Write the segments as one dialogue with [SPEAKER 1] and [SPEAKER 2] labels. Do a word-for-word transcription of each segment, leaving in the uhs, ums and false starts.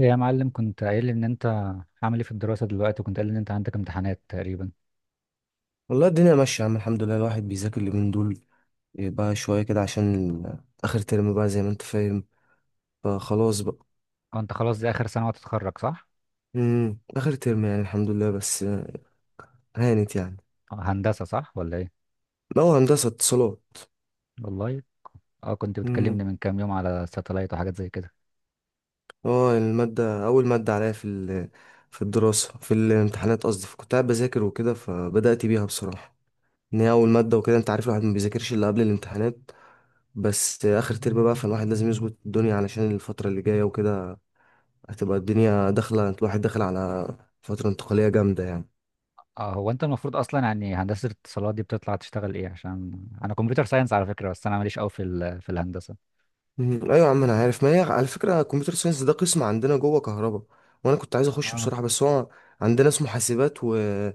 [SPEAKER 1] إيه يا معلم، كنت قايل لي ان انت عامل ايه في الدراسة دلوقتي، وكنت قايل لي ان انت عندك امتحانات تقريبا.
[SPEAKER 2] والله الدنيا ماشية يا عم، الحمد لله. الواحد بيذاكر اليومين دول إيه بقى شوية كده عشان آخر ترم بقى زي ما أنت فاهم، فخلاص بقى.
[SPEAKER 1] اه، انت خلاص دي اخر سنة وتتخرج، صح؟
[SPEAKER 2] مم. آخر ترم يعني، الحمد لله. بس هانت يعني.
[SPEAKER 1] آه، هندسة، صح ولا ايه؟
[SPEAKER 2] هو هندسة اتصالات.
[SPEAKER 1] والله. اه، كنت
[SPEAKER 2] مم.
[SPEAKER 1] بتكلمني من كام يوم على ساتلايت وحاجات زي كده.
[SPEAKER 2] هو المادة أول مادة عليا في ال- في الدراسة، في الامتحانات قصدي، فكنت قاعد بذاكر وكده فبدأت بيها بصراحة، إن هي أول مادة وكده. أنت عارف الواحد ما بيذاكرش إلا قبل الامتحانات، بس آخر ترم بقى فالواحد لازم يظبط الدنيا علشان الفترة اللي جاية وكده. هتبقى الدنيا داخلة، الواحد داخل على فترة انتقالية جامدة يعني.
[SPEAKER 1] اه، هو انت المفروض اصلا، يعني هندسة الاتصالات دي بتطلع تشتغل ايه؟ عشان انا كمبيوتر ساينس على فكرة، بس انا ماليش قوي في ال... في الهندسة.
[SPEAKER 2] مم. أيوة يا عم أنا عارف. ما هي على فكرة كمبيوتر ساينس ده قسم عندنا جوه كهرباء، وأنا كنت عايز أخش
[SPEAKER 1] اه.
[SPEAKER 2] بصراحة، بس هو عندنا اسمه حاسبات واسمه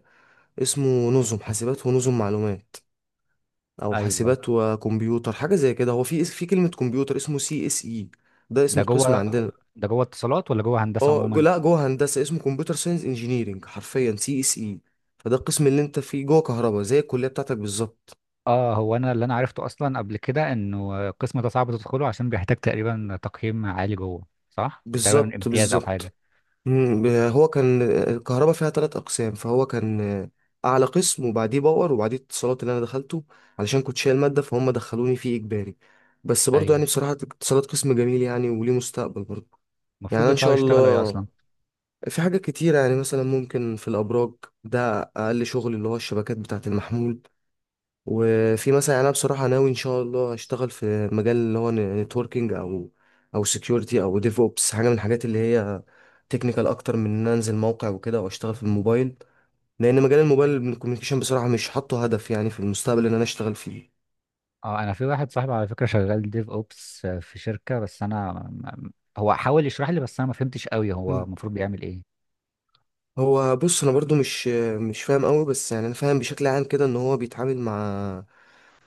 [SPEAKER 2] نظم حاسبات ونظم معلومات، أو
[SPEAKER 1] ايوه.
[SPEAKER 2] حاسبات وكمبيوتر، حاجة زي كده. هو في اس- في كلمة كمبيوتر اسمه سي اس إي. ده اسم
[SPEAKER 1] ده جوه
[SPEAKER 2] القسم عندنا.
[SPEAKER 1] ده جوه اتصالات ولا جوه هندسة
[SPEAKER 2] اه جو-
[SPEAKER 1] عموما؟
[SPEAKER 2] لا، جوه هندسة اسمه كمبيوتر ساينس انجينيرنج، حرفيا سي اس إي. فده القسم اللي أنت فيه جوه كهرباء زي الكلية بتاعتك بالظبط.
[SPEAKER 1] اه، هو انا اللي انا عرفته اصلا قبل كده، انه القسم ده صعب تدخله عشان بيحتاج تقريبا تقييم عالي جوه، صح؟ تقريبا
[SPEAKER 2] بالظبط
[SPEAKER 1] امتياز او حاجه.
[SPEAKER 2] بالظبط. مم، هو كان الكهرباء فيها ثلاث اقسام، فهو كان اعلى قسم، وبعديه باور، وبعديه اتصالات اللي انا دخلته علشان كنت شايل ماده، فهم دخلوني فيه اجباري. بس برضو
[SPEAKER 1] ايوه.
[SPEAKER 2] يعني بصراحه اتصالات قسم جميل يعني، وليه مستقبل برضو. يعني
[SPEAKER 1] المفروض
[SPEAKER 2] أنا ان
[SPEAKER 1] بيطلعوا
[SPEAKER 2] شاء
[SPEAKER 1] يشتغلوا ايه
[SPEAKER 2] الله،
[SPEAKER 1] اصلا؟
[SPEAKER 2] في حاجات كتيره يعني. مثلا ممكن في الابراج، ده اقل شغل، اللي هو الشبكات بتاعه المحمول. وفي مثلا، انا بصراحه ناوي ان شاء الله اشتغل في مجال اللي هو نتوركينج، او او سكيورتي، او ديف اوبس، حاجه من الحاجات اللي هي تكنيكال اكتر من ان أنا انزل موقع وكده واشتغل في الموبايل، لان مجال الموبايل الكوميونيكيشن بصراحه مش حاطه هدف يعني في المستقبل ان انا اشتغل فيه.
[SPEAKER 1] اه، انا في واحد صاحبي على فكره شغال ديف اوبس في شركه، بس انا م- م- هو حاول يشرح لي بس انا ما فهمتش قوي هو
[SPEAKER 2] مم.
[SPEAKER 1] المفروض بيعمل ايه.
[SPEAKER 2] هو بص انا برضو مش مش فاهم قوي، بس يعني انا فاهم بشكل عام كده ان هو بيتعامل مع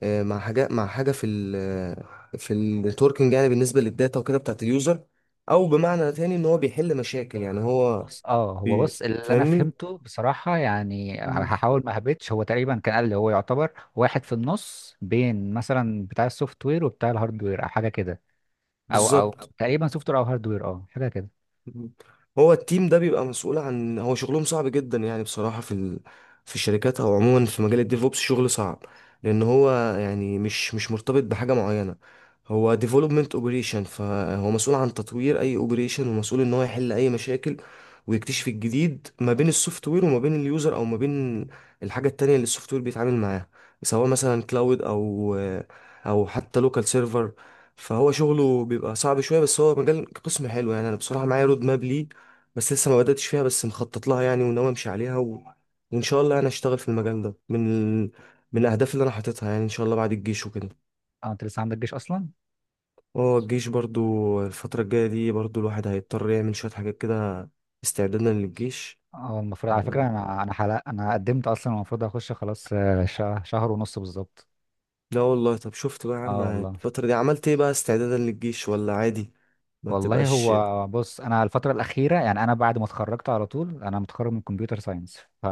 [SPEAKER 2] آه، مع حاجه مع حاجه في ال آه، في النتوركينج يعني، بالنسبه للداتا وكده بتاعت اليوزر. او بمعنى تاني ان هو بيحل مشاكل يعني. هو
[SPEAKER 1] بص، اه، هو
[SPEAKER 2] بي
[SPEAKER 1] بص اللي انا
[SPEAKER 2] فاهمني.
[SPEAKER 1] فهمته بصراحه، يعني
[SPEAKER 2] مم.
[SPEAKER 1] هحاول ما هبتش، هو تقريبا كان قال لي هو يعتبر واحد في النص بين مثلا بتاع السوفت وير وبتاع الهارد وير او حاجه كده. او او
[SPEAKER 2] بالظبط.
[SPEAKER 1] تقريبا سوفت وير او هاردوير، اه، حاجه كده.
[SPEAKER 2] مم. هو التيم ده بيبقى مسؤول عن، هو شغلهم صعب جدا يعني بصراحة، في ال... في الشركات، او عموما في مجال الديفوبس شغل صعب، لان هو يعني مش مش مرتبط بحاجة معينة. هو ديفلوبمنت اوبريشن، فهو مسؤول عن تطوير اي اوبريشن، ومسؤول ان هو يحل اي مشاكل، ويكتشف الجديد ما بين السوفت وير وما بين اليوزر، او ما بين الحاجة التانية اللي السوفت وير بيتعامل معاها، سواء مثلا كلاود او او حتى لوكال سيرفر. فهو شغله بيبقى صعب شويه، بس هو مجال قسم حلو يعني. انا بصراحه معايا رود ماب ليه، بس لسه ما بداتش فيها، بس مخطط لها يعني، وناوي امشي عليها و... وان شاء الله انا اشتغل في المجال ده، من من الاهداف اللي انا حاططها يعني، ان شاء الله بعد الجيش وكده.
[SPEAKER 1] اه، انت لسه عندك جيش اصلا؟
[SPEAKER 2] اه الجيش برضو الفتره الجايه دي، برضو الواحد هيضطر يعمل شويه حاجات كده استعدادا للجيش.
[SPEAKER 1] اه، المفروض على فكره،
[SPEAKER 2] آه،
[SPEAKER 1] انا انا حلق، انا قدمت اصلا، المفروض اخش خلاص، آه، شه- شهر ونص بالظبط.
[SPEAKER 2] لا والله. طب شفت بقى يا عم
[SPEAKER 1] اه، والله.
[SPEAKER 2] الفتره دي عملت ايه بقى استعدادا للجيش، ولا عادي ما
[SPEAKER 1] والله،
[SPEAKER 2] بتبقاش؟
[SPEAKER 1] هو بص، انا الفتره الاخيره يعني، انا بعد ما اتخرجت على طول، انا متخرج من كمبيوتر ساينس، ف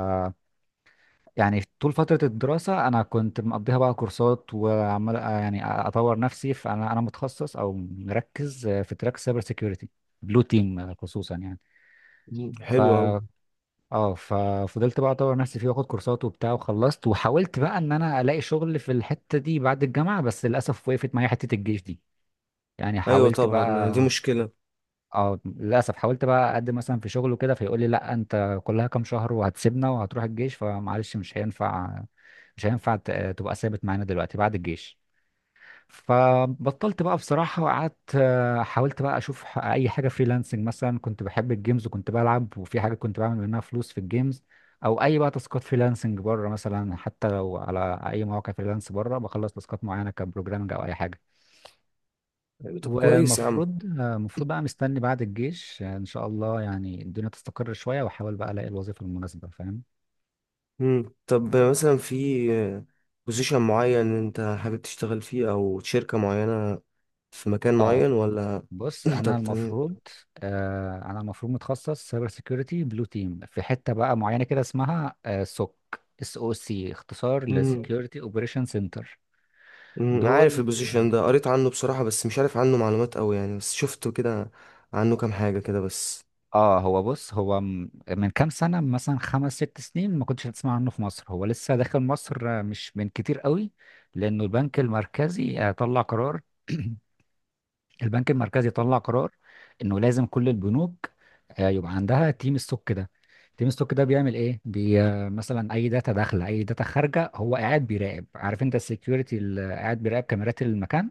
[SPEAKER 1] يعني طول فتره الدراسه انا كنت مقضيها بقى كورسات، وعمال آه، يعني اطور نفسي، فانا انا متخصص او مركز آه، في تراك سايبر سيكيورتي بلو تيم خصوصا،
[SPEAKER 2] حلوه قوي.
[SPEAKER 1] يعني. اه، ففضلت بقى اطور نفسي فيه، واخد كورسات وبتاع وخلصت، وحاولت بقى ان انا الاقي شغل في الحته دي بعد الجامعه، بس للاسف وقفت معايا حته الجيش دي. يعني
[SPEAKER 2] ايوه
[SPEAKER 1] حاولت
[SPEAKER 2] طبعا،
[SPEAKER 1] بقى.
[SPEAKER 2] دي مشكله.
[SPEAKER 1] اه، للاسف حاولت بقى اقدم مثلا في شغل وكده، فيقول لي لا انت كلها كام شهر وهتسيبنا وهتروح الجيش، فمعلش مش هينفع. مش هينفع ت- تبقى ثابت معانا دلوقتي بعد الجيش. فبطلت بقى بصراحة، وقعدت آه، حاولت بقى أشوف ح- أي حاجة فريلانسنج مثلا، كنت بحب الجيمز وكنت بلعب، وفي حاجة كنت بعمل منها فلوس في الجيمز، أو أي بقى تاسكات فريلانسنج بره مثلا، حتى لو على أي مواقع فريلانس بره بخلص تاسكات معينة كبروجرامنج أو أي حاجة.
[SPEAKER 2] طب كويس يا عم.
[SPEAKER 1] والمفروض، آه، المفروض بقى مستني بعد الجيش، آه، إن شاء الله يعني الدنيا تستقر شوية، وأحاول بقى ألاقي الوظيفة المناسبة، فاهم.
[SPEAKER 2] مم. طب مثلا في بوزيشن معين انت حابب تشتغل فيه، او شركة معينة في مكان
[SPEAKER 1] اه،
[SPEAKER 2] معين، ولا
[SPEAKER 1] بص،
[SPEAKER 2] انت
[SPEAKER 1] انا
[SPEAKER 2] بت...
[SPEAKER 1] المفروض، آه انا المفروض متخصص سايبر سيكيورتي بلو تيم في حته بقى معينه كده اسمها آه سوك، اس او سي، اختصار
[SPEAKER 2] مم.
[SPEAKER 1] لسكيورتي اوبريشن سنتر.
[SPEAKER 2] مم. عارف
[SPEAKER 1] دول.
[SPEAKER 2] البوزيشن ده، قريت عنه بصراحة بس مش عارف عنه معلومات قوي يعني، بس شفته كده عنه كام حاجة كده بس.
[SPEAKER 1] اه، هو بص، هو م- من كام سنه، مثلا خمس ست سنين، ما كنتش هتسمع عنه في مصر، هو لسه داخل مصر آه، مش من كتير قوي. لانه البنك المركزي آه، طلع قرار البنك المركزي طلع قرار انه لازم كل البنوك آه، يبقى عندها تيم ستوك ده. تيم ستوك ده بيعمل ايه؟ بي آه، مثلا اي داتا داخله، اي داتا خارجه، هو قاعد بيراقب. عارف انت السكيورتي اللي قاعد بيراقب كاميرات المكان؟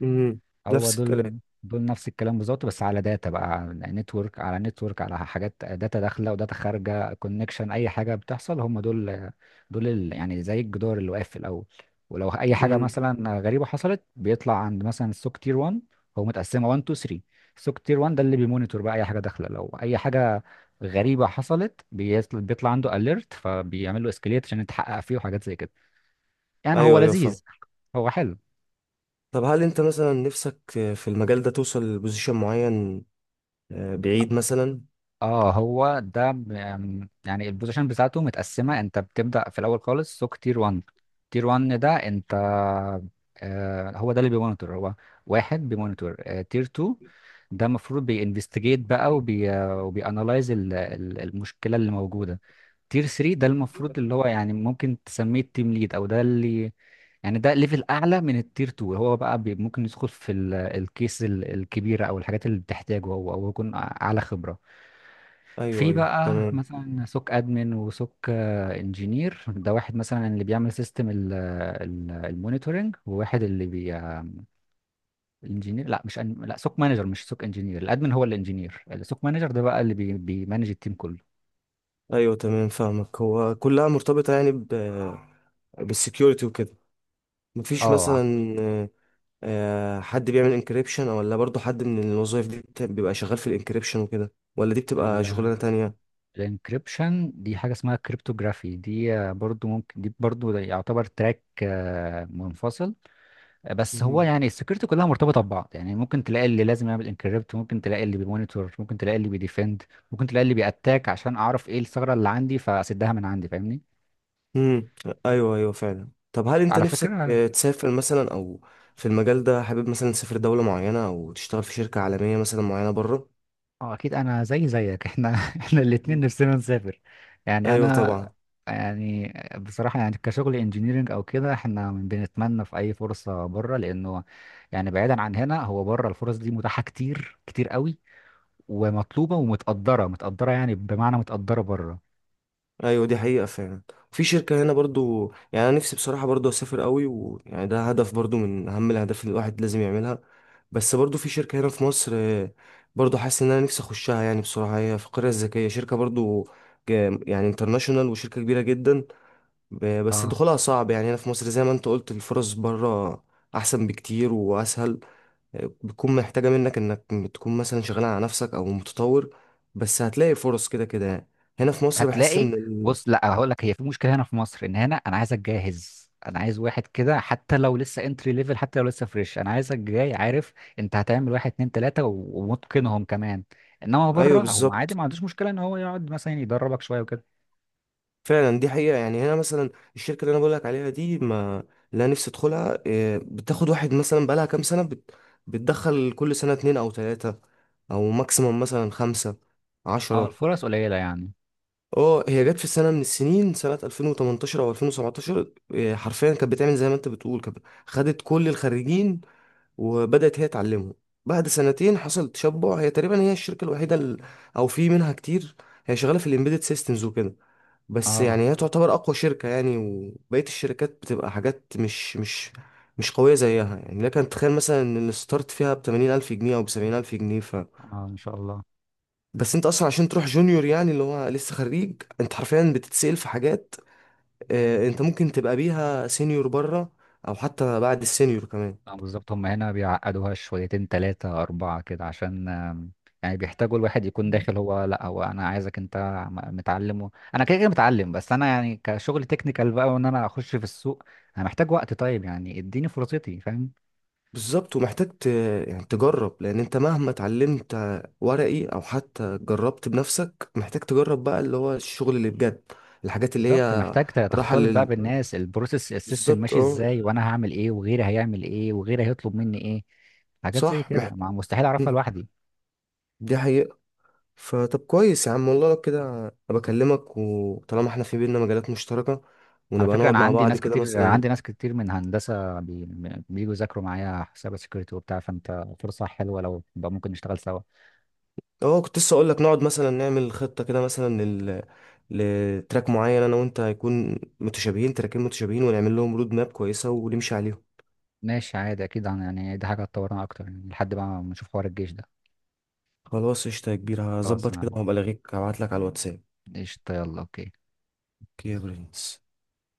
[SPEAKER 2] مم.
[SPEAKER 1] هو
[SPEAKER 2] نفس الكلام.
[SPEAKER 1] دول. دول نفس الكلام بالظبط، بس على داتا بقى، نتورك، على نتورك، على حاجات داتا داخله وداتا خارجه، كونكشن، اي حاجه بتحصل، هم دول. دول ال- يعني زي الجدار اللي واقف في الاول. ولو اي حاجه
[SPEAKER 2] مم.
[SPEAKER 1] مثلا غريبه حصلت، بيطلع عند مثلا السوك تير وان. هو متقسمه وان، تو، تري. السوك تير وان ده اللي بيمونيتور بقى اي حاجه داخله، لو اي حاجه غريبه حصلت بيطل- بيطلع عنده اليرت، فبيعمل له اسكليت عشان يتحقق فيه وحاجات زي كده. يعني هو
[SPEAKER 2] ايوه ايوه فاهم.
[SPEAKER 1] لذيذ. هو حلو.
[SPEAKER 2] طب هل انت مثلا نفسك في المجال ده توصل لبوزيشن معين آه، بعيد مثلا؟
[SPEAKER 1] اه، هو ده ب- أم، يعني البوزيشن بتاعته متقسمه. انت بتبدا في الاول خالص سوق تير وان. تير وان ده انت، آه هو ده اللي بيمونيتور. هو واحد بيمونيتور. آه، تير تو ده المفروض بينفستيجيت بقى، وبي وبيانالايز المشكله اللي موجوده. تير تري ده المفروض اللي هو، يعني ممكن تسميه التيم ليد، او ده اللي يعني ده ليفل اعلى من التير تو، هو بقى بي- ممكن يدخل في ال- الكيس ال- الكبيره، او الحاجات اللي بتحتاجه هو، او يكون اعلى خبره.
[SPEAKER 2] ايوه
[SPEAKER 1] في
[SPEAKER 2] ايوه
[SPEAKER 1] بقى
[SPEAKER 2] تمام.
[SPEAKER 1] مثلا سوك ادمن وسوك انجينير، ده واحد مثلا اللي بيعمل سيستم المونيتورنج، وواحد اللي بي الانجينير، لا مش أن... لا، سوك مانجر مش سوك انجينير، الادمن هو الانجينير، السوك مانجر ده بقى اللي بي... بيمانج التيم كله.
[SPEAKER 2] ايوه تمام فاهمك. هو كلها مرتبطة يعني بالسكيورتي وكده. مفيش
[SPEAKER 1] اه،
[SPEAKER 2] مثلا آه، آه، حد بيعمل انكريبشن، ولا برضو حد من الوظائف دي بت- بيبقى شغال في الانكريبشن وكده، ولا دي بتبقى شغلانة تانية؟
[SPEAKER 1] الانكريبشن دي حاجه اسمها كريبتوغرافي، دي آه، برضو ممكن، دي برضو ده يعتبر تراك آه، منفصل. بس هو
[SPEAKER 2] مم.
[SPEAKER 1] يعني السكيورتي كلها مرتبطه ببعض، يعني ممكن تلاقي اللي لازم يعمل انكريبت، ممكن تلاقي اللي بيمونيتور، ممكن تلاقي اللي بيديفند، ممكن تلاقي اللي بيأتاك عشان اعرف ايه الثغره اللي عندي فاسدها من عندي، فاهمني.
[SPEAKER 2] مم. ايوه ايوه فعلا. طب هل انت
[SPEAKER 1] على
[SPEAKER 2] نفسك
[SPEAKER 1] فكره.
[SPEAKER 2] آه، تسافر مثلا، او في المجال ده حابب مثلا تسافر دولة معينة او تشتغل في شركة عالمية مثلا معينة بره؟
[SPEAKER 1] اه، اكيد انا زي زيك احنا احنا الاتنين نفسنا نسافر. يعني
[SPEAKER 2] ايوه
[SPEAKER 1] انا،
[SPEAKER 2] طبعا.
[SPEAKER 1] يعني بصراحه، يعني كشغل انجينيرنج او كده احنا بنتمنى في اي فرصه بره، لانه يعني بعيدا عن هنا، هو بره الفرص دي متاحه كتير كتير قوي، ومطلوبه ومتقدره، متقدره يعني، بمعنى متقدره بره.
[SPEAKER 2] ايوه دي حقيقة فعلا. في شركة هنا برضو، يعني انا نفسي بصراحة برضو اسافر قوي، ويعني ده هدف برضو من اهم الاهداف اللي الواحد لازم يعملها. بس برضو في شركة هنا في مصر آه، برضو حاسس ان انا نفسي اخشها يعني بصراحة. هي في القرية الذكية شركة برضو جا- يعني انترناشونال، وشركة كبيرة جدا. ب- بس دخولها صعب يعني. هنا في مصر زي ما انت قلت الفرص بره احسن بكتير واسهل. آه، بتكون محتاجة منك انك تكون مثلا شغال على نفسك او متطور، بس هتلاقي فرص كده كده يعني. هنا في مصر بحس
[SPEAKER 1] هتلاقي.
[SPEAKER 2] ان...
[SPEAKER 1] بص، لا هقول لك، هي في مشكله هنا في مصر، ان هنا انا عايزك جاهز، انا عايز واحد كده حتى لو لسه انتري ليفل، حتى لو لسه فريش، انا عايزك جاي، عارف؟ انت هتعمل واحد اتنين تلاته و- ومتقنهم كمان. انما
[SPEAKER 2] ايوه
[SPEAKER 1] بره هو عادي،
[SPEAKER 2] بالظبط.
[SPEAKER 1] ما عندوش مشكله ان هو يقعد مثلا يدربك شويه وكده.
[SPEAKER 2] فعلا دي حقيقه يعني. هنا مثلا الشركه اللي انا بقول لك عليها دي ما، لا نفسي ادخلها. إيه، بتاخد واحد مثلا بقالها كام سنه بت... بتدخل كل سنه اتنين او تلاته، او ماكسيموم مثلا خمسه،
[SPEAKER 1] اه،
[SPEAKER 2] عشرة.
[SPEAKER 1] الفرص قليله يعني.
[SPEAKER 2] اه هي جت في سنه من السنين سنه ألفين وتمنتاشر او ألفين وسبعة عشر، إيه، حرفيا كانت بتعمل زي ما انت بتقول. كانت خدت كل الخريجين، وبدأت هي تعلمهم. بعد سنتين حصل تشبع. هي تقريبا هي الشركة الوحيدة ال- أو في منها كتير. هي شغالة في الإمبيدد سيستمز وكده، بس
[SPEAKER 1] اه.
[SPEAKER 2] يعني هي تعتبر اقوى شركة يعني، وبقية الشركات بتبقى حاجات مش مش مش قوية زيها يعني. لكن تخيل مثلا ان الستارت فيها بتمانين الف جنيه او بسبعين الف جنيه ف
[SPEAKER 1] اه، ان شاء الله.
[SPEAKER 2] بس انت اصلا عشان تروح جونيور، يعني اللي هو لسه خريج، انت حرفيا بتتسأل في حاجات آه، انت ممكن تبقى بيها سينيور بره، او حتى بعد السينيور كمان.
[SPEAKER 1] اه، بالظبط، هم هنا بيعقدوها شويتين تلاتة أربعة كده، عشان آم، يعني بيحتاجوا الواحد يكون داخل. هو لا، هو أنا عايزك أنت م- متعلم و... أنا كده كده متعلم، بس أنا يعني كشغل تكنيكال بقى، وإن أنا أخش في السوق أنا محتاج وقت، طيب يعني إديني فرصتي، فاهم.
[SPEAKER 2] بالظبط. ومحتاج ت... يعني تجرب. لان انت مهما اتعلمت ورقي او حتى جربت بنفسك، محتاج تجرب بقى اللي هو الشغل اللي بجد. الحاجات اللي
[SPEAKER 1] بالظبط،
[SPEAKER 2] هي
[SPEAKER 1] محتاج ت-
[SPEAKER 2] راحة
[SPEAKER 1] تختلط بقى
[SPEAKER 2] لل
[SPEAKER 1] بالناس، البروسيس السيستم
[SPEAKER 2] بالظبط
[SPEAKER 1] ماشي
[SPEAKER 2] اه.
[SPEAKER 1] إزاي، وأنا هعمل إيه وغيري هيعمل إيه وغيري هيطلب مني إيه، حاجات زي
[SPEAKER 2] صح
[SPEAKER 1] كده
[SPEAKER 2] مح...
[SPEAKER 1] ما مستحيل أعرفها
[SPEAKER 2] مم.
[SPEAKER 1] لوحدي.
[SPEAKER 2] دي حقيقة. فطب كويس يا عم والله لو كده. أنا بكلمك وطالما احنا في بينا مجالات مشتركة،
[SPEAKER 1] على
[SPEAKER 2] ونبقى
[SPEAKER 1] فكرة
[SPEAKER 2] نقعد
[SPEAKER 1] أنا
[SPEAKER 2] مع
[SPEAKER 1] عندي
[SPEAKER 2] بعض
[SPEAKER 1] ناس
[SPEAKER 2] كده
[SPEAKER 1] كتير، عندي
[SPEAKER 2] مثلا.
[SPEAKER 1] ناس كتير من هندسة بي... بييجوا يذاكروا معايا حساب سكيورتي وبتاع، فأنت فرصة حلوة لو بقى ممكن نشتغل سوا.
[SPEAKER 2] اه كنت لسه اقول لك نقعد مثلا نعمل خطه كده مثلا لل... لتراك معين انا وانت، هيكون متشابهين، تراكين متشابهين، ونعمل لهم رود ماب كويسه ونمشي عليهم.
[SPEAKER 1] ماشي عادي، أكيد هن- يعني دي حاجة هتطورنا أكتر، يعني لحد ما نشوف حوار الجيش ده.
[SPEAKER 2] خلاص قشطة يا كبير.
[SPEAKER 1] خلاص
[SPEAKER 2] هظبط كده
[SPEAKER 1] أنا.
[SPEAKER 2] وهبقى ألاغيك، هبعتلك على الواتساب.
[SPEAKER 1] قشطة، يلا، أوكي.
[SPEAKER 2] اوكي يا برنس.